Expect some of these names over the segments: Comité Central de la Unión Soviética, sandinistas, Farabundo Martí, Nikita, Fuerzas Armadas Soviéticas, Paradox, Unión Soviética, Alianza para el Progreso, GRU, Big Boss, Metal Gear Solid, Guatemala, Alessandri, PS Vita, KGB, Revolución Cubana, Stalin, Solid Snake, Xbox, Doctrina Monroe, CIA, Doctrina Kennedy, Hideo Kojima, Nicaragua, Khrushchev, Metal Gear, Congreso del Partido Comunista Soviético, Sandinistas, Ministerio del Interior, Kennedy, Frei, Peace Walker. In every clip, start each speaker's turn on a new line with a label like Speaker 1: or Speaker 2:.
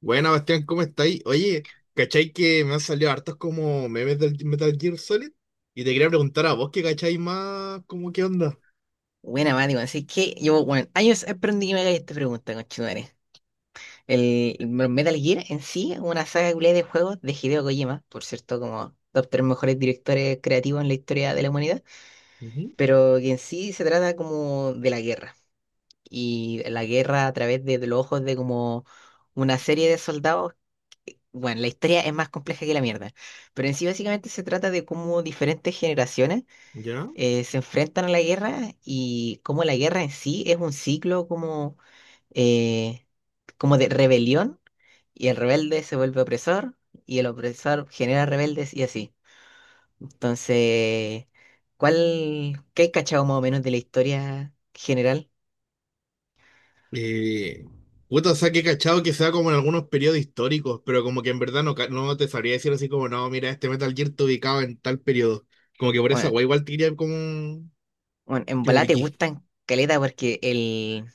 Speaker 1: Buena, Bastián, ¿cómo estáis? Oye, ¿cachai que me han salido hartos como memes del Metal Gear Solid? Y te quería preguntar a vos que cacháis más, ¿como qué onda?
Speaker 2: Buena, Mati, weón. Así que llevo, años aprendí que me hagáis esta pregunta, conchetumare. El Metal Gear en sí es una saga culiá de juegos de Hideo Kojima, por cierto, como top tres mejores directores creativos en la historia de la humanidad,
Speaker 1: Ujú.
Speaker 2: pero que en sí se trata como de la guerra. Y la guerra a través de los ojos de como una serie de soldados. Bueno, la historia es más compleja que la mierda, pero en sí básicamente se trata de cómo diferentes generaciones
Speaker 1: ¿Ya?
Speaker 2: se enfrentan a la guerra y cómo la guerra en sí es un ciclo como eh, como de rebelión y el rebelde se vuelve opresor y el opresor genera rebeldes y así. Entonces, ¿cuál, qué hay cachado más o menos de la historia general?
Speaker 1: Eh, puta, o sea, que he cachado que sea como en algunos periodos históricos, pero como que en verdad no, no te sabría decir así como, no, mira, este Metal Gear te ubicaba en tal periodo. Como que por esa
Speaker 2: Bueno,
Speaker 1: guay igual te diría como
Speaker 2: bueno, en
Speaker 1: que me
Speaker 2: volada te
Speaker 1: ubiquí.
Speaker 2: gustan caleta porque el,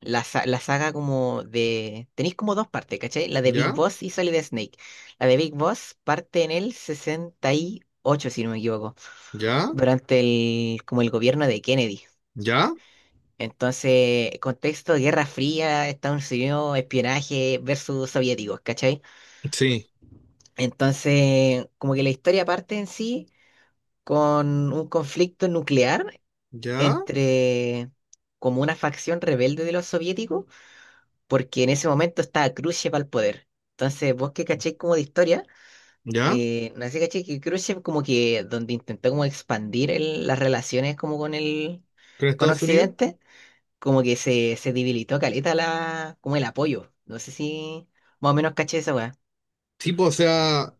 Speaker 2: la, sa- la saga como de... Tenéis como dos partes, ¿cachai? La de Big
Speaker 1: ¿Ya?
Speaker 2: Boss y Solid Snake. La de Big Boss parte en el 68 si no me equivoco,
Speaker 1: ¿Ya?
Speaker 2: durante el, como el gobierno de Kennedy.
Speaker 1: ¿Ya?
Speaker 2: Entonces, contexto, Guerra Fría, Estados Unidos, espionaje versus soviéticos, ¿cachai?
Speaker 1: Sí.
Speaker 2: Entonces, como que la historia parte en sí con un conflicto nuclear
Speaker 1: ¿Ya?
Speaker 2: entre como una facción rebelde de los soviéticos, porque en ese momento estaba Khrushchev al poder. Entonces, vos que cacháis como de historia,
Speaker 1: ¿Ya?
Speaker 2: no sé, caché que Khrushchev como que donde intentó como expandir el- las relaciones como con el,
Speaker 1: ¿Con
Speaker 2: con
Speaker 1: Estados Unidos?
Speaker 2: Occidente como que se debilitó caleta la, como el apoyo. No sé si más o menos caché esa weá.
Speaker 1: Tipo, o sea.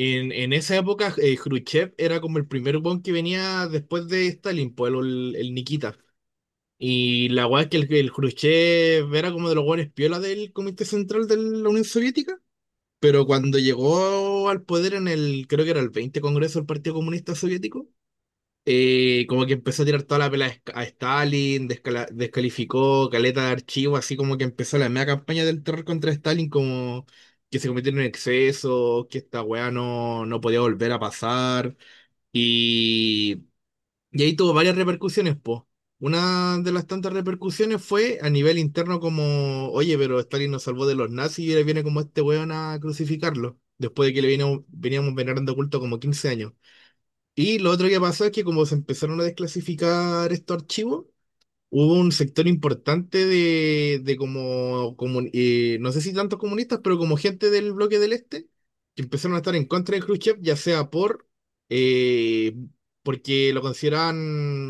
Speaker 1: En esa época, Khrushchev era como el primer weón que venía después de Stalin, pues el Nikita. Y la weá es que el Khrushchev era como de los weones piola del Comité Central de la Unión Soviética. Pero cuando llegó al poder en el, creo que era el 20 Congreso del Partido Comunista Soviético, como que empezó a tirar toda la pela a a Stalin, descalificó caleta de archivo, así como que empezó la media campaña del terror contra Stalin, como que se cometieron en exceso, que esta weá no, no podía volver a pasar. Y, y ahí tuvo varias repercusiones, po. Una de las tantas repercusiones fue a nivel interno como, oye, pero Stalin nos salvó de los nazis y ahora viene como este weón a crucificarlo, después de que le veníamos venerando culto como 15 años. Y lo otro que pasó es que como se empezaron a desclasificar estos archivos, hubo un sector importante de como, no sé si tantos comunistas, pero como gente del bloque del Este, que empezaron a estar en contra de Khrushchev, ya sea por, eh, porque lo consideraban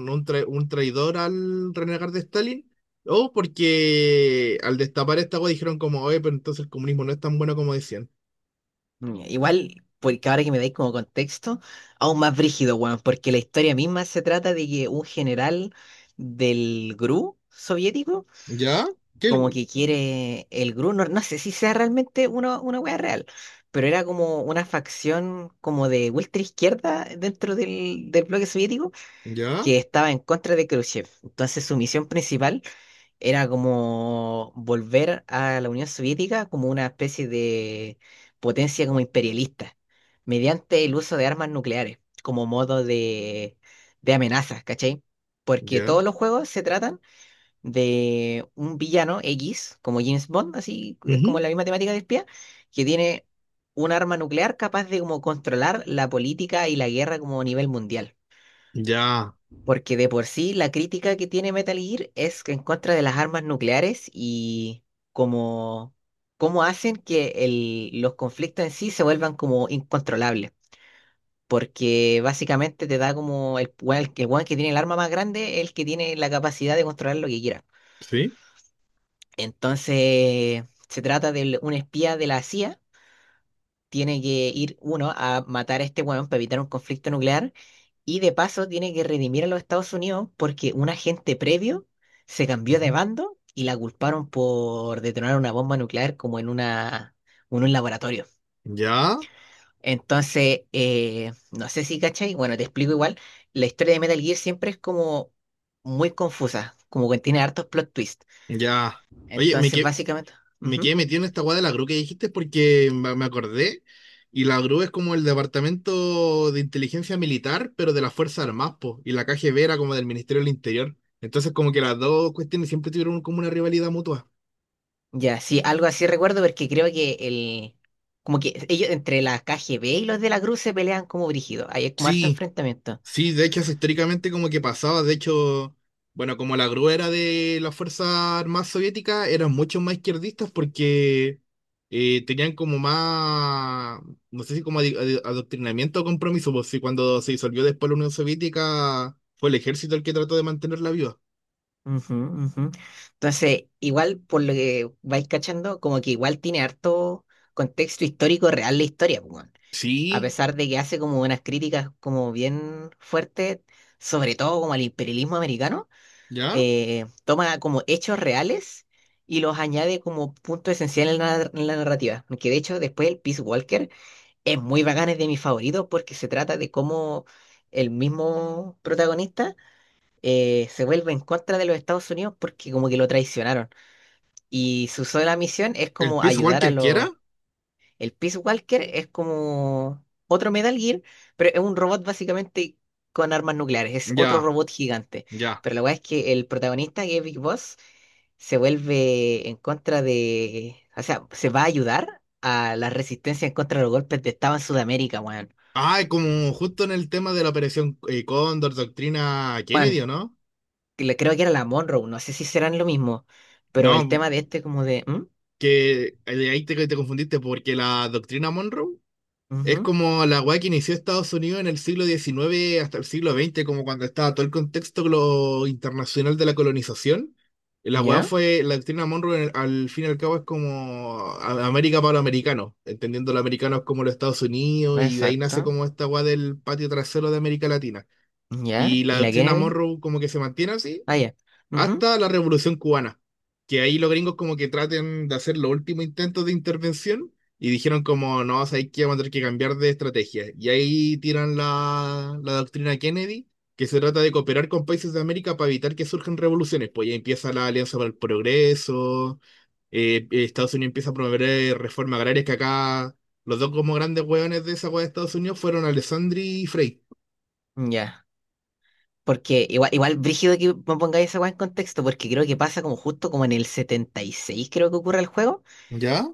Speaker 1: un, un traidor al renegar de Stalin, o porque al destapar esta agua dijeron como, oye, pero entonces el comunismo no es tan bueno como decían.
Speaker 2: Mm, igual, porque ahora que me dais como contexto, aún más brígido, weón, porque la historia misma se trata de que un general del GRU soviético,
Speaker 1: ¿Ya? ¿Qué?
Speaker 2: como que quiere el GRU, no, no sé si sea realmente uno, una wea real, pero era como una facción como de ultra izquierda dentro del bloque soviético
Speaker 1: ¿Ya?
Speaker 2: que estaba en contra de Khrushchev. Entonces su misión principal era como volver a la Unión Soviética como una especie de potencia como imperialista, mediante el uso de armas nucleares como modo de amenaza, ¿cachai? Porque
Speaker 1: ¿Ya?
Speaker 2: todos los juegos se tratan de un villano X, como James Bond, así es como
Speaker 1: Ujú.
Speaker 2: la misma temática de espía, que tiene un arma nuclear capaz de como controlar la política y la guerra como a nivel mundial.
Speaker 1: ¿Ya?
Speaker 2: Porque de por sí la crítica que tiene Metal Gear es en contra de las armas nucleares y como cómo hacen que el- los conflictos en sí se vuelvan como incontrolables. Porque básicamente te da como el, weón que tiene el arma más grande, el que tiene la capacidad de controlar lo que quiera.
Speaker 1: ¿Sí?
Speaker 2: Entonces se trata de un espía de la CIA, tiene que ir uno a matar a este weón para evitar un conflicto nuclear y de paso tiene que redimir a los Estados Unidos porque un agente previo se cambió de
Speaker 1: Ujú.
Speaker 2: bando y la culparon por detonar una bomba nuclear como en una, en un laboratorio.
Speaker 1: Ya,
Speaker 2: Entonces, no sé si cachai, bueno, te explico igual, la historia de Metal Gear siempre es como muy confusa, como que tiene hartos plot twists.
Speaker 1: ya. Oye, me,
Speaker 2: Entonces,
Speaker 1: que,
Speaker 2: básicamente...
Speaker 1: me
Speaker 2: Ujú.
Speaker 1: quedé metido en esta guada de la GRU que dijiste porque me acordé. Y la GRU es como el departamento de inteligencia militar, pero de las Fuerzas Armadas, po. Y la KGB era como del Ministerio del Interior. Entonces, como que las dos cuestiones siempre tuvieron como una rivalidad mutua.
Speaker 2: Ya, sí, algo así recuerdo porque creo que el... Como que ellos entre la KGB y los de la Cruz se pelean como brígidos. Hay como harto
Speaker 1: Sí,
Speaker 2: enfrentamiento.
Speaker 1: sí, de hecho, eso históricamente como que pasaba, de hecho, bueno, como la gruera de las Fuerzas Armadas Soviéticas eran mucho más izquierdistas porque tenían como más, no sé si como adoctrinamiento o compromiso, pues sí, cuando se disolvió después la Unión Soviética fue el ejército el que trató de mantenerla viva.
Speaker 2: Ujú. Entonces, igual por lo que vais cachando, como que igual tiene harto contexto histórico real la historia, pues, weón. A
Speaker 1: Sí,
Speaker 2: pesar de que hace como unas críticas como bien fuertes, sobre todo como al imperialismo americano,
Speaker 1: ¿ya?
Speaker 2: toma como hechos reales y los añade como punto esencial en en la narrativa. Que de hecho después el Peace Walker es muy bacán, es de mis favoritos porque se trata de cómo el mismo protagonista se vuelve en contra de los Estados Unidos porque como que lo traicionaron. Y su sola misión es
Speaker 1: ¿El
Speaker 2: como
Speaker 1: Peace
Speaker 2: ayudar a
Speaker 1: Walker quiera?
Speaker 2: los... El Peace Walker es como otro Metal Gear, pero es un robot básicamente con armas nucleares, es otro
Speaker 1: Ya,
Speaker 2: robot gigante.
Speaker 1: ya.
Speaker 2: Pero la verdad es que el protagonista, que es Big Boss, se vuelve en contra de... O sea, se va a ayudar a la resistencia en contra de los golpes de Estado en Sudamérica, weón.
Speaker 1: Ah, como justo en el tema de la operación Cóndor, doctrina
Speaker 2: Bueno,
Speaker 1: Kennedy, ¿o no?
Speaker 2: que le- creo que era la Monroe, no sé si serán lo mismo, pero el
Speaker 1: No,
Speaker 2: tema de este como de, ¿mm?
Speaker 1: que de ahí te, te confundiste porque la doctrina Monroe es
Speaker 2: Ujú,
Speaker 1: como la weá que inició Estados Unidos en el siglo XIX hasta el siglo XX, como cuando estaba todo el contexto internacional de la colonización. La weá
Speaker 2: ¿ya?
Speaker 1: fue, la doctrina Monroe al fin y al cabo es como América para los americanos, entendiendo los americanos como los Estados Unidos, y de ahí nace
Speaker 2: Exacto,
Speaker 1: como esta weá del patio trasero de América Latina.
Speaker 2: ¿ya?
Speaker 1: Y la
Speaker 2: ¿Y la
Speaker 1: doctrina
Speaker 2: Kennedy?
Speaker 1: Monroe como que se mantiene así
Speaker 2: Ah, ya,
Speaker 1: hasta la Revolución Cubana, que ahí los gringos como que traten de hacer los últimos intentos de intervención y dijeron como, no, sabéis que vamos a tener que cambiar de estrategia. Y ahí tiran la doctrina Kennedy, que se trata de cooperar con países de América para evitar que surjan revoluciones. Pues ya empieza la Alianza para el Progreso, Estados Unidos empieza a promover reformas agrarias que acá... Los dos como grandes hueones de esa hueá de Estados Unidos fueron Alessandri y Frei.
Speaker 2: ujú, ¿ya? Porque igual, igual brígido que me pongáis esa weá en contexto, porque creo que pasa como justo como en el 76, creo que ocurre el juego,
Speaker 1: ¿Ya?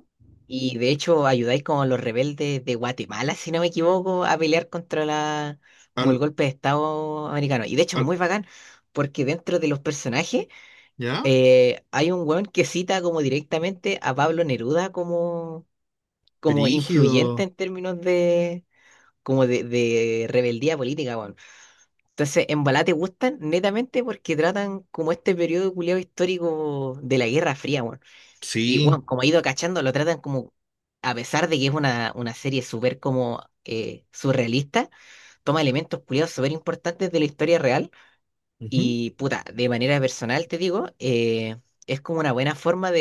Speaker 2: y de hecho ayudáis como a los rebeldes de Guatemala, si no me equivoco, a pelear contra la, como el
Speaker 1: Al,
Speaker 2: golpe de Estado americano. Y de hecho es
Speaker 1: al-
Speaker 2: muy bacán, porque dentro de los personajes,
Speaker 1: ¿ya?
Speaker 2: hay un weón que cita como directamente a Pablo Neruda como, como influyente
Speaker 1: Brígido.
Speaker 2: en términos como de rebeldía política, weón. Entonces, en Balá te gustan netamente porque tratan como este periodo culiao histórico de la Guerra Fría, weón. Y,
Speaker 1: Sí.
Speaker 2: bueno como he ido cachando, lo tratan como, a pesar de que es una serie súper como surrealista, toma elementos culiados súper importantes de la historia real.
Speaker 1: Ujú.
Speaker 2: Y, puta, de manera personal te digo, es como una buena forma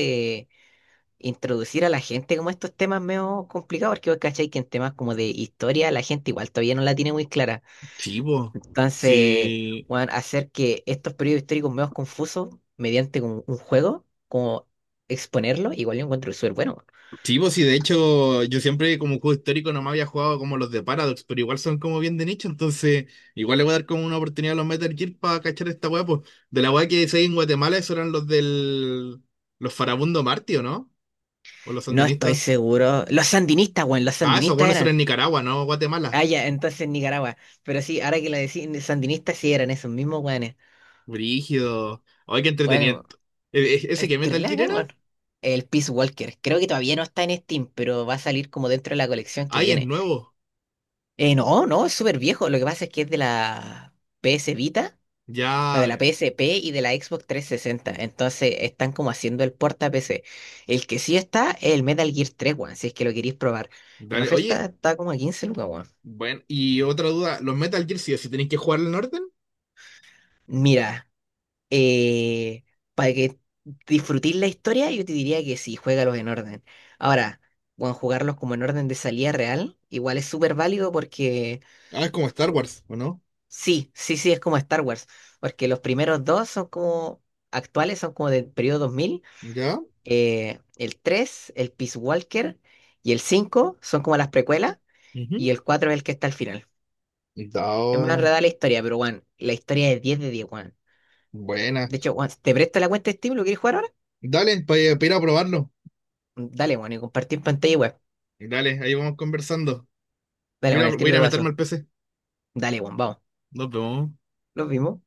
Speaker 2: introducir a la gente como estos temas medio complicados, porque vos cachai que en temas como de historia la gente igual todavía no la tiene muy clara.
Speaker 1: Sí, vos.
Speaker 2: Entonces,
Speaker 1: Sí,
Speaker 2: weón, hacer que estos periodos históricos medio confusos mediante un juego, como exponerlo, igual yo encuentro súper bueno, weón.
Speaker 1: sí, po, sí, de hecho, yo siempre como juego histórico no me había jugado como los de Paradox, pero igual son como bien de nicho, entonces igual le voy a dar como una oportunidad a los Metal Gear para cachar esta weá, pues. De la weá que decía en Guatemala, esos eran los del. Los Farabundo Martí, ¿o no? O los
Speaker 2: No estoy
Speaker 1: sandinistas.
Speaker 2: seguro. Los sandinistas, weón, los
Speaker 1: Ah, esos
Speaker 2: sandinistas
Speaker 1: buenos eran
Speaker 2: eran.
Speaker 1: en Nicaragua, ¿no? Guatemala.
Speaker 2: Ah, ya, entonces Nicaragua. Pero sí, ahora que lo decís, sandinistas sí eran esos mismos weones.
Speaker 1: Brígido. Ay, qué entretenido.
Speaker 2: Weón,
Speaker 1: ¿E- ¿Ese
Speaker 2: es
Speaker 1: que Metal
Speaker 2: terrible,
Speaker 1: Gear
Speaker 2: bacán,
Speaker 1: era?
Speaker 2: weón. El Peace Walker. Creo que todavía no está en Steam, pero va a salir como dentro de la colección que
Speaker 1: Ay, es
Speaker 2: viene.
Speaker 1: nuevo.
Speaker 2: No, no, es súper viejo. Lo que pasa es que es de la PS Vita, o de la
Speaker 1: Ya.
Speaker 2: PSP y de la Xbox 360. Entonces están como haciendo el porta PC. El que sí está es el Metal Gear 3, weón, si es que lo queréis probar. En
Speaker 1: Dale.
Speaker 2: oferta
Speaker 1: Oye,
Speaker 2: está como a 15 lucas, weón.
Speaker 1: bueno, y otra duda, ¿los Metal Gear sí o sí tenéis que jugar en orden?
Speaker 2: Mira, eh, para que disfrutéis la historia, yo te diría que sí, juégalos en orden. Ahora, bueno, jugarlos como en orden de salida real, igual es súper válido porque.
Speaker 1: Ah, es como Star Wars, ¿o no?
Speaker 2: Sí, sí, sí, es como Star Wars, porque los primeros dos son como actuales, son como del periodo 2000,
Speaker 1: ¿Ya?
Speaker 2: el 3, el Peace Walker, y el 5 son como las precuelas, y
Speaker 1: Ujú.
Speaker 2: el 4 es el que está al final. Es más
Speaker 1: Dao.
Speaker 2: enredada la historia, pero Juan, la historia es 10 de diez, Juan.
Speaker 1: Buena.
Speaker 2: De hecho, Juan, ¿te presto la cuenta de Steam? ¿Lo quieres jugar ahora?
Speaker 1: Dale, para ir a probarlo.
Speaker 2: Dale, Juan, y compartir pantalla y web.
Speaker 1: Dale, ahí vamos conversando.
Speaker 2: Dale,
Speaker 1: Voy
Speaker 2: Juan,
Speaker 1: a,
Speaker 2: el
Speaker 1: voy a
Speaker 2: tiro
Speaker 1: ir
Speaker 2: del
Speaker 1: a meterme
Speaker 2: vaso.
Speaker 1: al PC.
Speaker 2: Dale, Juan, vamos.
Speaker 1: Nos vemos.
Speaker 2: Los vimos.